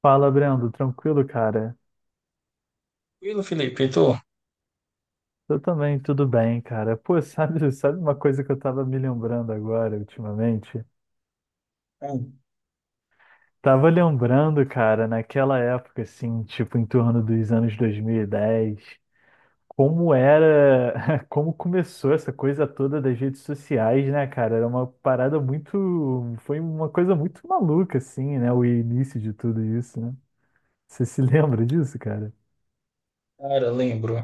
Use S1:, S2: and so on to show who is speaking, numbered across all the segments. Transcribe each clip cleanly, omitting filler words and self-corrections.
S1: Fala, Brando, tranquilo, cara?
S2: Tranquilo, Felipe, e tu?
S1: Eu também, tudo bem, cara. Pô, sabe uma coisa que eu tava me lembrando agora, ultimamente?
S2: Hum.
S1: Tava lembrando, cara, naquela época, assim, tipo, em torno dos anos 2010, como era, como começou essa coisa toda das redes sociais, né, cara? Era uma parada muito, foi uma coisa muito maluca, assim, né? O início de tudo isso, né? Você se lembra disso, cara?
S2: Cara, lembro.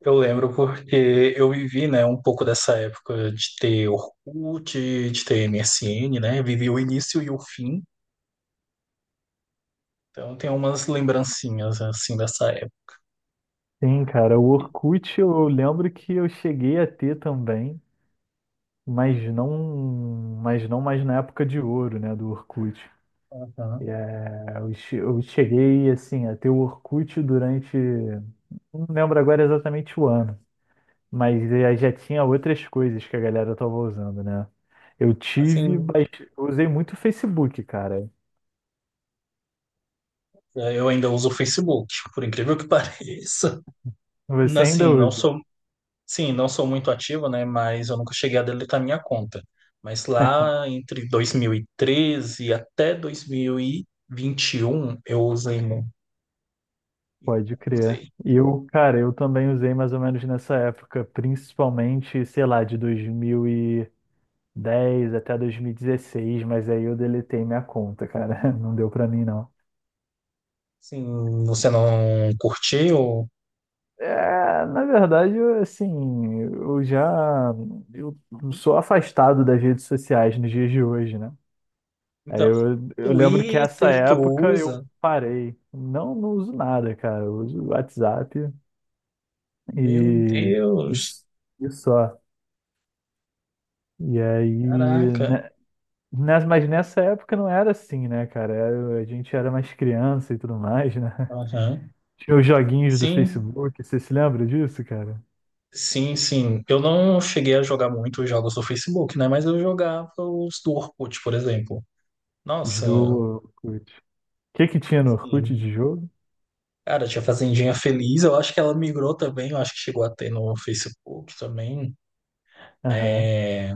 S2: Eu lembro porque eu vivi, né, um pouco dessa época de ter Orkut, de ter MSN, né? Vivi o início e o fim. Então tem umas lembrancinhas assim dessa época.
S1: Sim, cara, o Orkut eu lembro que eu cheguei a ter também. mas não, mas não mais na época de ouro, né, do Orkut. E,
S2: Aham.
S1: é, eu, che- eu cheguei assim a ter o Orkut durante, não lembro agora exatamente o ano, mas já tinha outras coisas que a galera tava usando, né? Eu tive,
S2: Assim,
S1: mas eu usei muito o Facebook, cara.
S2: é, eu ainda uso o Facebook, por incrível que pareça.
S1: Você ainda
S2: Assim,
S1: usa?
S2: não sou muito ativo, né? Mas eu nunca cheguei a deletar minha conta. Mas lá entre 2013 até dois mil e vinte e um, eu usei e
S1: Pode crer.
S2: usei.
S1: Eu, cara, eu também usei mais ou menos nessa época, principalmente, sei lá, de dois mil e 10 até 2016, mas aí eu deletei minha conta, cara. Não deu pra mim, não.
S2: Sim, você não curtiu?
S1: É, na verdade, eu, assim, eu já eu sou afastado das redes sociais nos dias de hoje, né? Aí
S2: Então,
S1: eu lembro que essa
S2: Twitter tu
S1: época eu
S2: usa?
S1: parei. Não, não uso nada, cara. Eu uso o WhatsApp
S2: Meu
S1: e
S2: Deus,
S1: isso, e só. E aí,
S2: caraca.
S1: né, mas nessa época não era assim, né, cara? Era... A gente era mais criança e tudo mais, né?
S2: Aham.
S1: Tinha os joguinhos do
S2: Sim,
S1: Facebook, você se lembra disso, cara?
S2: sim. Eu não cheguei a jogar muito os jogos do Facebook, né? Mas eu jogava os do Orkut, por exemplo.
S1: Os
S2: Nossa,
S1: do Orkut. O que tinha no Orkut
S2: sim.
S1: de jogo?
S2: Cara, tinha Fazendinha Feliz. Eu acho que ela migrou também. Eu acho que chegou a ter no Facebook também.
S1: Aham,
S2: É,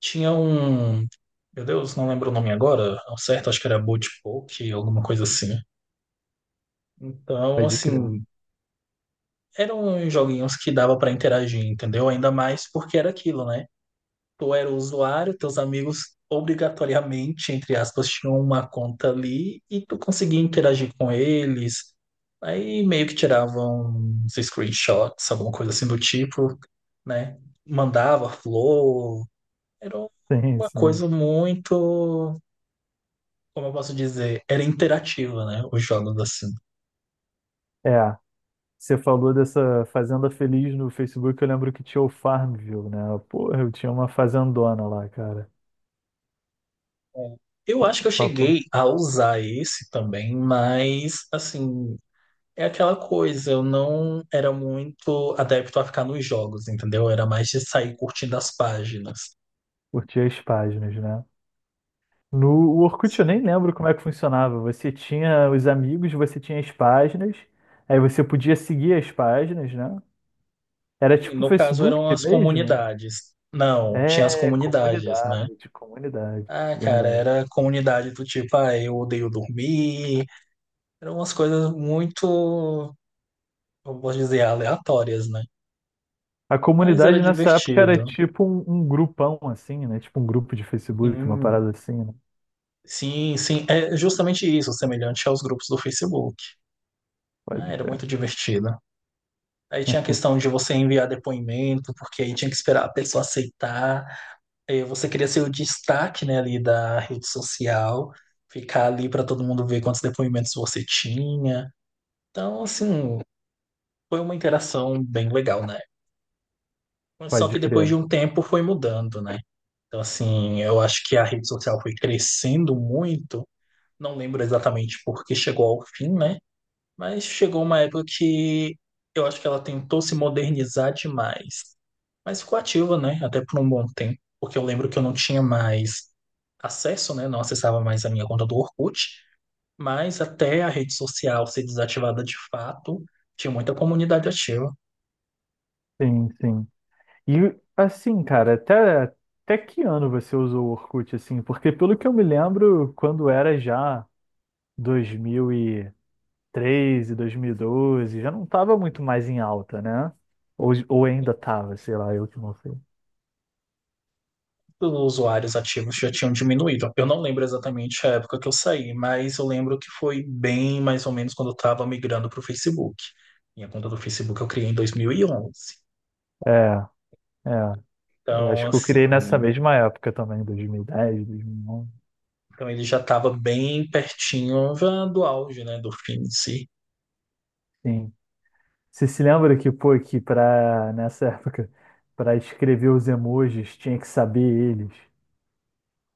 S2: tinha um. Meu Deus, não lembro o nome agora. Ao certo, acho que era Boat Poke, alguma coisa assim. Então,
S1: pode crer.
S2: assim, eram joguinhos que dava pra interagir, entendeu? Ainda mais porque era aquilo, né? Tu era o usuário, teus amigos obrigatoriamente, entre aspas, tinham uma conta ali e tu conseguia interagir com eles. Aí meio que tiravam uns screenshots, alguma coisa assim do tipo, né? Mandava flor. Era
S1: Sim,
S2: uma
S1: sim.
S2: coisa muito, como eu posso dizer, era interativa, né? Os jogos assim.
S1: É, você falou dessa Fazenda Feliz no Facebook, eu lembro que tinha o Farmville, né? Porra, eu tinha uma fazendona lá, cara.
S2: É. Eu acho que eu
S1: Papo,
S2: cheguei a usar esse também, mas assim, é aquela coisa, eu não era muito adepto a ficar nos jogos, entendeu? Era mais de sair curtindo as páginas.
S1: curtia as páginas, né? No o Orkut eu nem
S2: Sim.
S1: lembro como é que funcionava. Você tinha os amigos, você tinha as páginas, aí você podia seguir as páginas, né? Era
S2: E
S1: tipo o
S2: no caso,
S1: Facebook
S2: eram as
S1: mesmo?
S2: comunidades. Não, tinha as
S1: É,
S2: comunidades, né?
S1: comunidade,
S2: Ah, cara,
S1: verdade.
S2: era comunidade do tipo, ah, eu odeio dormir. Eram umas coisas muito, eu posso dizer, aleatórias, né?
S1: A
S2: Mas era
S1: comunidade nessa época era
S2: divertido.
S1: tipo um grupão assim, né? Tipo um grupo de Facebook, uma
S2: Sim,
S1: parada assim, né?
S2: sim. É justamente isso, semelhante aos grupos do Facebook. Ah,
S1: Pode
S2: era
S1: crer,
S2: muito divertido. Aí tinha a questão de você enviar depoimento, porque aí tinha que esperar a pessoa aceitar. Aí você queria ser o destaque, né, ali da rede social, ficar ali para todo mundo ver quantos depoimentos você tinha. Então, assim, foi uma interação bem legal, né? Mas só
S1: pode
S2: que depois de
S1: crer.
S2: um tempo foi mudando, né? Então, assim, eu acho que a rede social foi crescendo muito. Não lembro exatamente porque chegou ao fim, né? Mas chegou uma época que eu acho que ela tentou se modernizar demais, mas ficou ativa, né? Até por um bom tempo, porque eu lembro que eu não tinha mais acesso, né? Não acessava mais a minha conta do Orkut, mas até a rede social ser desativada de fato, tinha muita comunidade ativa.
S1: Sim, sim. E assim, cara, até que ano você usou o Orkut assim? Porque pelo que eu me lembro, quando era já dois mil e 2012, já não tava muito mais em alta, né? Ou ainda tava, sei lá, eu que não sei.
S2: Os usuários ativos já tinham diminuído. Eu não lembro exatamente a época que eu saí, mas eu lembro que foi bem mais ou menos quando eu estava migrando para o Facebook. Minha conta do Facebook eu criei em 2011.
S1: É, é. Eu
S2: Então,
S1: acho que eu criei nessa
S2: assim.
S1: mesma época também, 2010, 2011.
S2: Então ele já estava bem pertinho já do auge, né, do fim em si.
S1: Sim. Você se lembra que, pô, que pra, nessa época, para escrever os emojis, tinha que saber eles.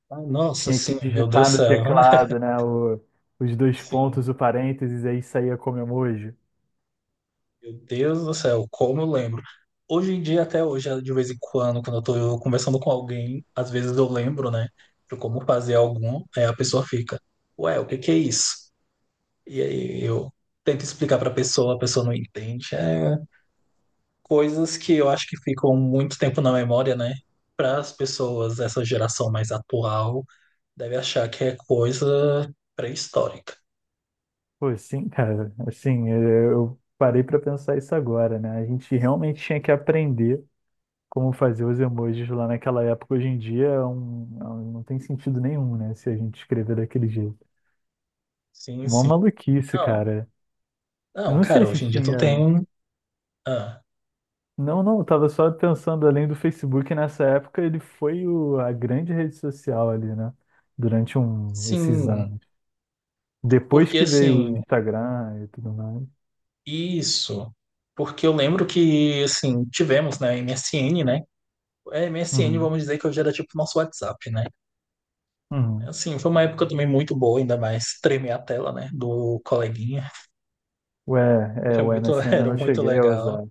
S2: Ah, nossa,
S1: Tinha que
S2: sim, meu Deus
S1: digitar
S2: do
S1: no
S2: céu, né?
S1: teclado, né? Os dois
S2: Sim,
S1: pontos, o parênteses, aí saía como emoji.
S2: meu Deus do céu, como eu lembro. Hoje em dia, até hoje, de vez em quando, quando eu tô conversando com alguém, às vezes eu lembro, né, de como fazer algum, aí a pessoa fica, ué, o que que é isso? E aí eu tento explicar pra pessoa, a pessoa não entende. É coisas que eu acho que ficam muito tempo na memória, né, para as pessoas, essa geração mais atual deve achar que é coisa pré-histórica.
S1: Pô, sim, cara. Assim, eu parei pra pensar isso agora, né? A gente realmente tinha que aprender como fazer os emojis lá naquela época. Hoje em dia não tem sentido nenhum, né? Se a gente escrever daquele jeito.
S2: Sim,
S1: Uma
S2: sim.
S1: maluquice,
S2: Não,
S1: cara. Eu
S2: não,
S1: não sei
S2: cara,
S1: se
S2: hoje em dia tu
S1: tinha.
S2: tem. Ah,
S1: Não, não, eu tava só pensando além do Facebook nessa época, ele foi a grande rede social ali, né? Durante esses
S2: sim,
S1: anos. Depois
S2: porque
S1: que veio o
S2: assim,
S1: Instagram e tudo mais.
S2: isso. Porque eu lembro que, assim, tivemos, né, MSN, né? É, MSN,
S1: Uhum,
S2: vamos dizer que hoje era tipo nosso WhatsApp, né?
S1: uhum.
S2: Assim, foi uma época também muito boa, ainda mais tremer a tela, né, do coleguinha.
S1: Ué, é,
S2: Era
S1: o
S2: muito,
S1: MSN eu
S2: era
S1: não
S2: muito
S1: cheguei a
S2: legal.
S1: usar.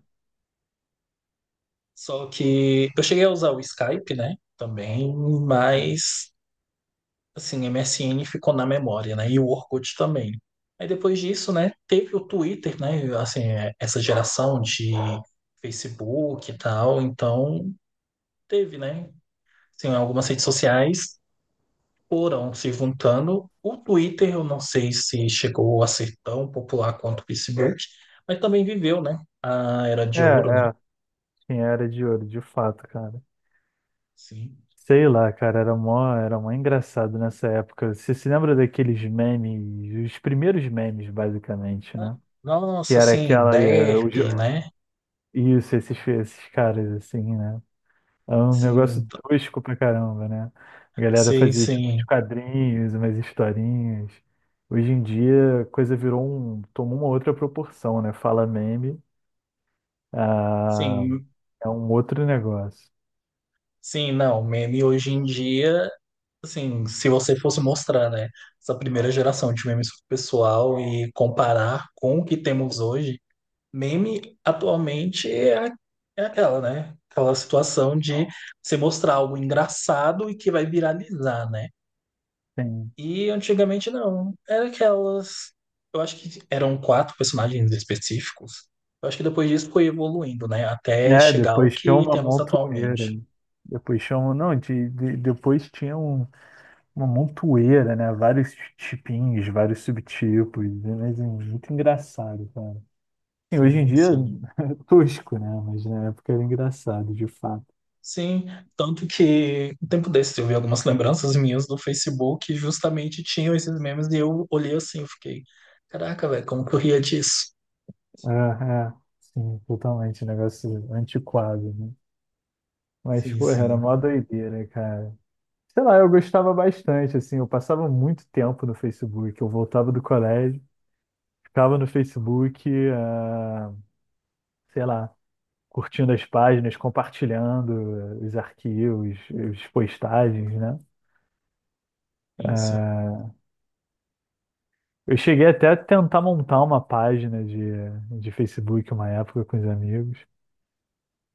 S2: Só que eu cheguei a usar o Skype, né, também,
S1: Sim.
S2: mas assim, MSN ficou na memória, né? E o Orkut também. Aí depois disso, né, teve o Twitter, né? Assim, é, essa geração de Facebook e tal, então teve, né? Assim, algumas redes sociais foram se juntando. O Twitter, eu não sei se chegou a ser tão popular quanto o Facebook, mas também viveu, né? A era
S1: É,
S2: de ouro, né?
S1: é, tinha era de ouro, de fato, cara.
S2: Sim.
S1: Sei lá, cara, era mó engraçado nessa época. Você se lembra daqueles memes, os primeiros memes, basicamente, né? Que
S2: Nossa,
S1: era
S2: assim,
S1: aquela.
S2: Derp, né?
S1: Isso, esses caras, assim, né? É um negócio
S2: Sim, t-
S1: tosco pra caramba, né? A galera
S2: sim,
S1: fazia tipo uns
S2: sim.
S1: quadrinhos, umas historinhas. Hoje em dia a coisa virou um. Tomou uma outra proporção, né? Fala meme. Ah,
S2: Sim,
S1: é um outro negócio.
S2: sim, não, meme hoje em dia, assim, se você fosse mostrar, né, essa primeira geração de memes pro pessoal e comparar com o que temos hoje, meme atualmente é, é aquela, né, aquela situação de você mostrar algo engraçado e que vai viralizar, né?
S1: Sim.
S2: E antigamente não, era aquelas, eu acho que eram quatro personagens específicos. Eu acho que depois disso foi evoluindo, né, até
S1: É,
S2: chegar ao
S1: depois tinha
S2: que
S1: uma
S2: temos
S1: montoeira.
S2: atualmente.
S1: Depois chama, não, de- depois tinha uma montoeira, né? Vários tipinhos, vários subtipos, né? Mas é muito engraçado, cara. Sim, hoje em
S2: Sim,
S1: dia
S2: sim.
S1: é tosco, né? Mas na época era engraçado, de fato.
S2: Sim, tanto que um tempo desses eu vi algumas lembranças minhas do Facebook que justamente tinham esses memes e eu olhei assim, eu fiquei, caraca, velho, como que eu ria disso?
S1: É, é, sim, totalmente, um negócio antiquado, né? Mas,
S2: Sim,
S1: porra, era
S2: sim,
S1: mó doideira, cara. Sei lá, eu gostava bastante, assim, eu passava muito tempo no Facebook, eu voltava do colégio, ficava no Facebook, ah, sei lá, curtindo as páginas, compartilhando os arquivos, as postagens, né?
S2: sim.
S1: Eh, Eu cheguei até a tentar montar uma página de Facebook uma época com os amigos.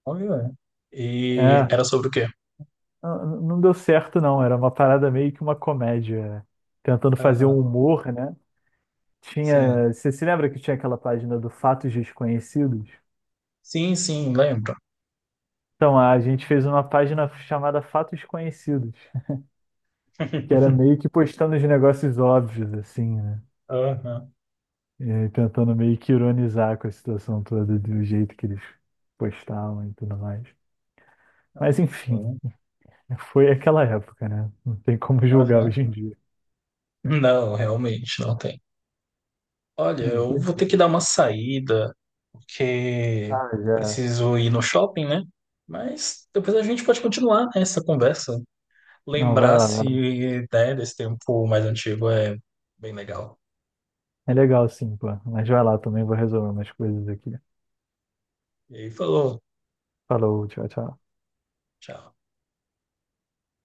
S2: Olha. E
S1: É,
S2: era sobre o quê?
S1: não deu certo não, era uma parada meio que uma comédia, tentando fazer um
S2: Aham,
S1: humor, né?
S2: Sim,
S1: Tinha, você se lembra que tinha aquela página do Fatos Desconhecidos?
S2: sim, lembro.
S1: Então, a gente fez uma página chamada Fatos Conhecidos, que era meio que postando os negócios óbvios, assim, né?
S2: Aham,
S1: E aí tentando meio que ironizar com a situação toda, do jeito que eles postavam e tudo mais. Mas, enfim.
S2: sim,
S1: Foi aquela época, né? Não tem como julgar
S2: aham.
S1: hoje em dia.
S2: Não, realmente não tem. Olha,
S1: Não,
S2: eu vou ter que dar uma saída, porque
S1: Ah, já.
S2: preciso ir no shopping, né? Mas depois a gente pode continuar essa conversa.
S1: Não, vai
S2: Lembrar
S1: lá, vai lá.
S2: assim, né, desse tempo mais antigo é bem legal.
S1: É legal sim, pô. Mas vai lá também, vou resolver umas coisas aqui.
S2: E aí falou,
S1: Falou, tchau, tchau.
S2: tchau.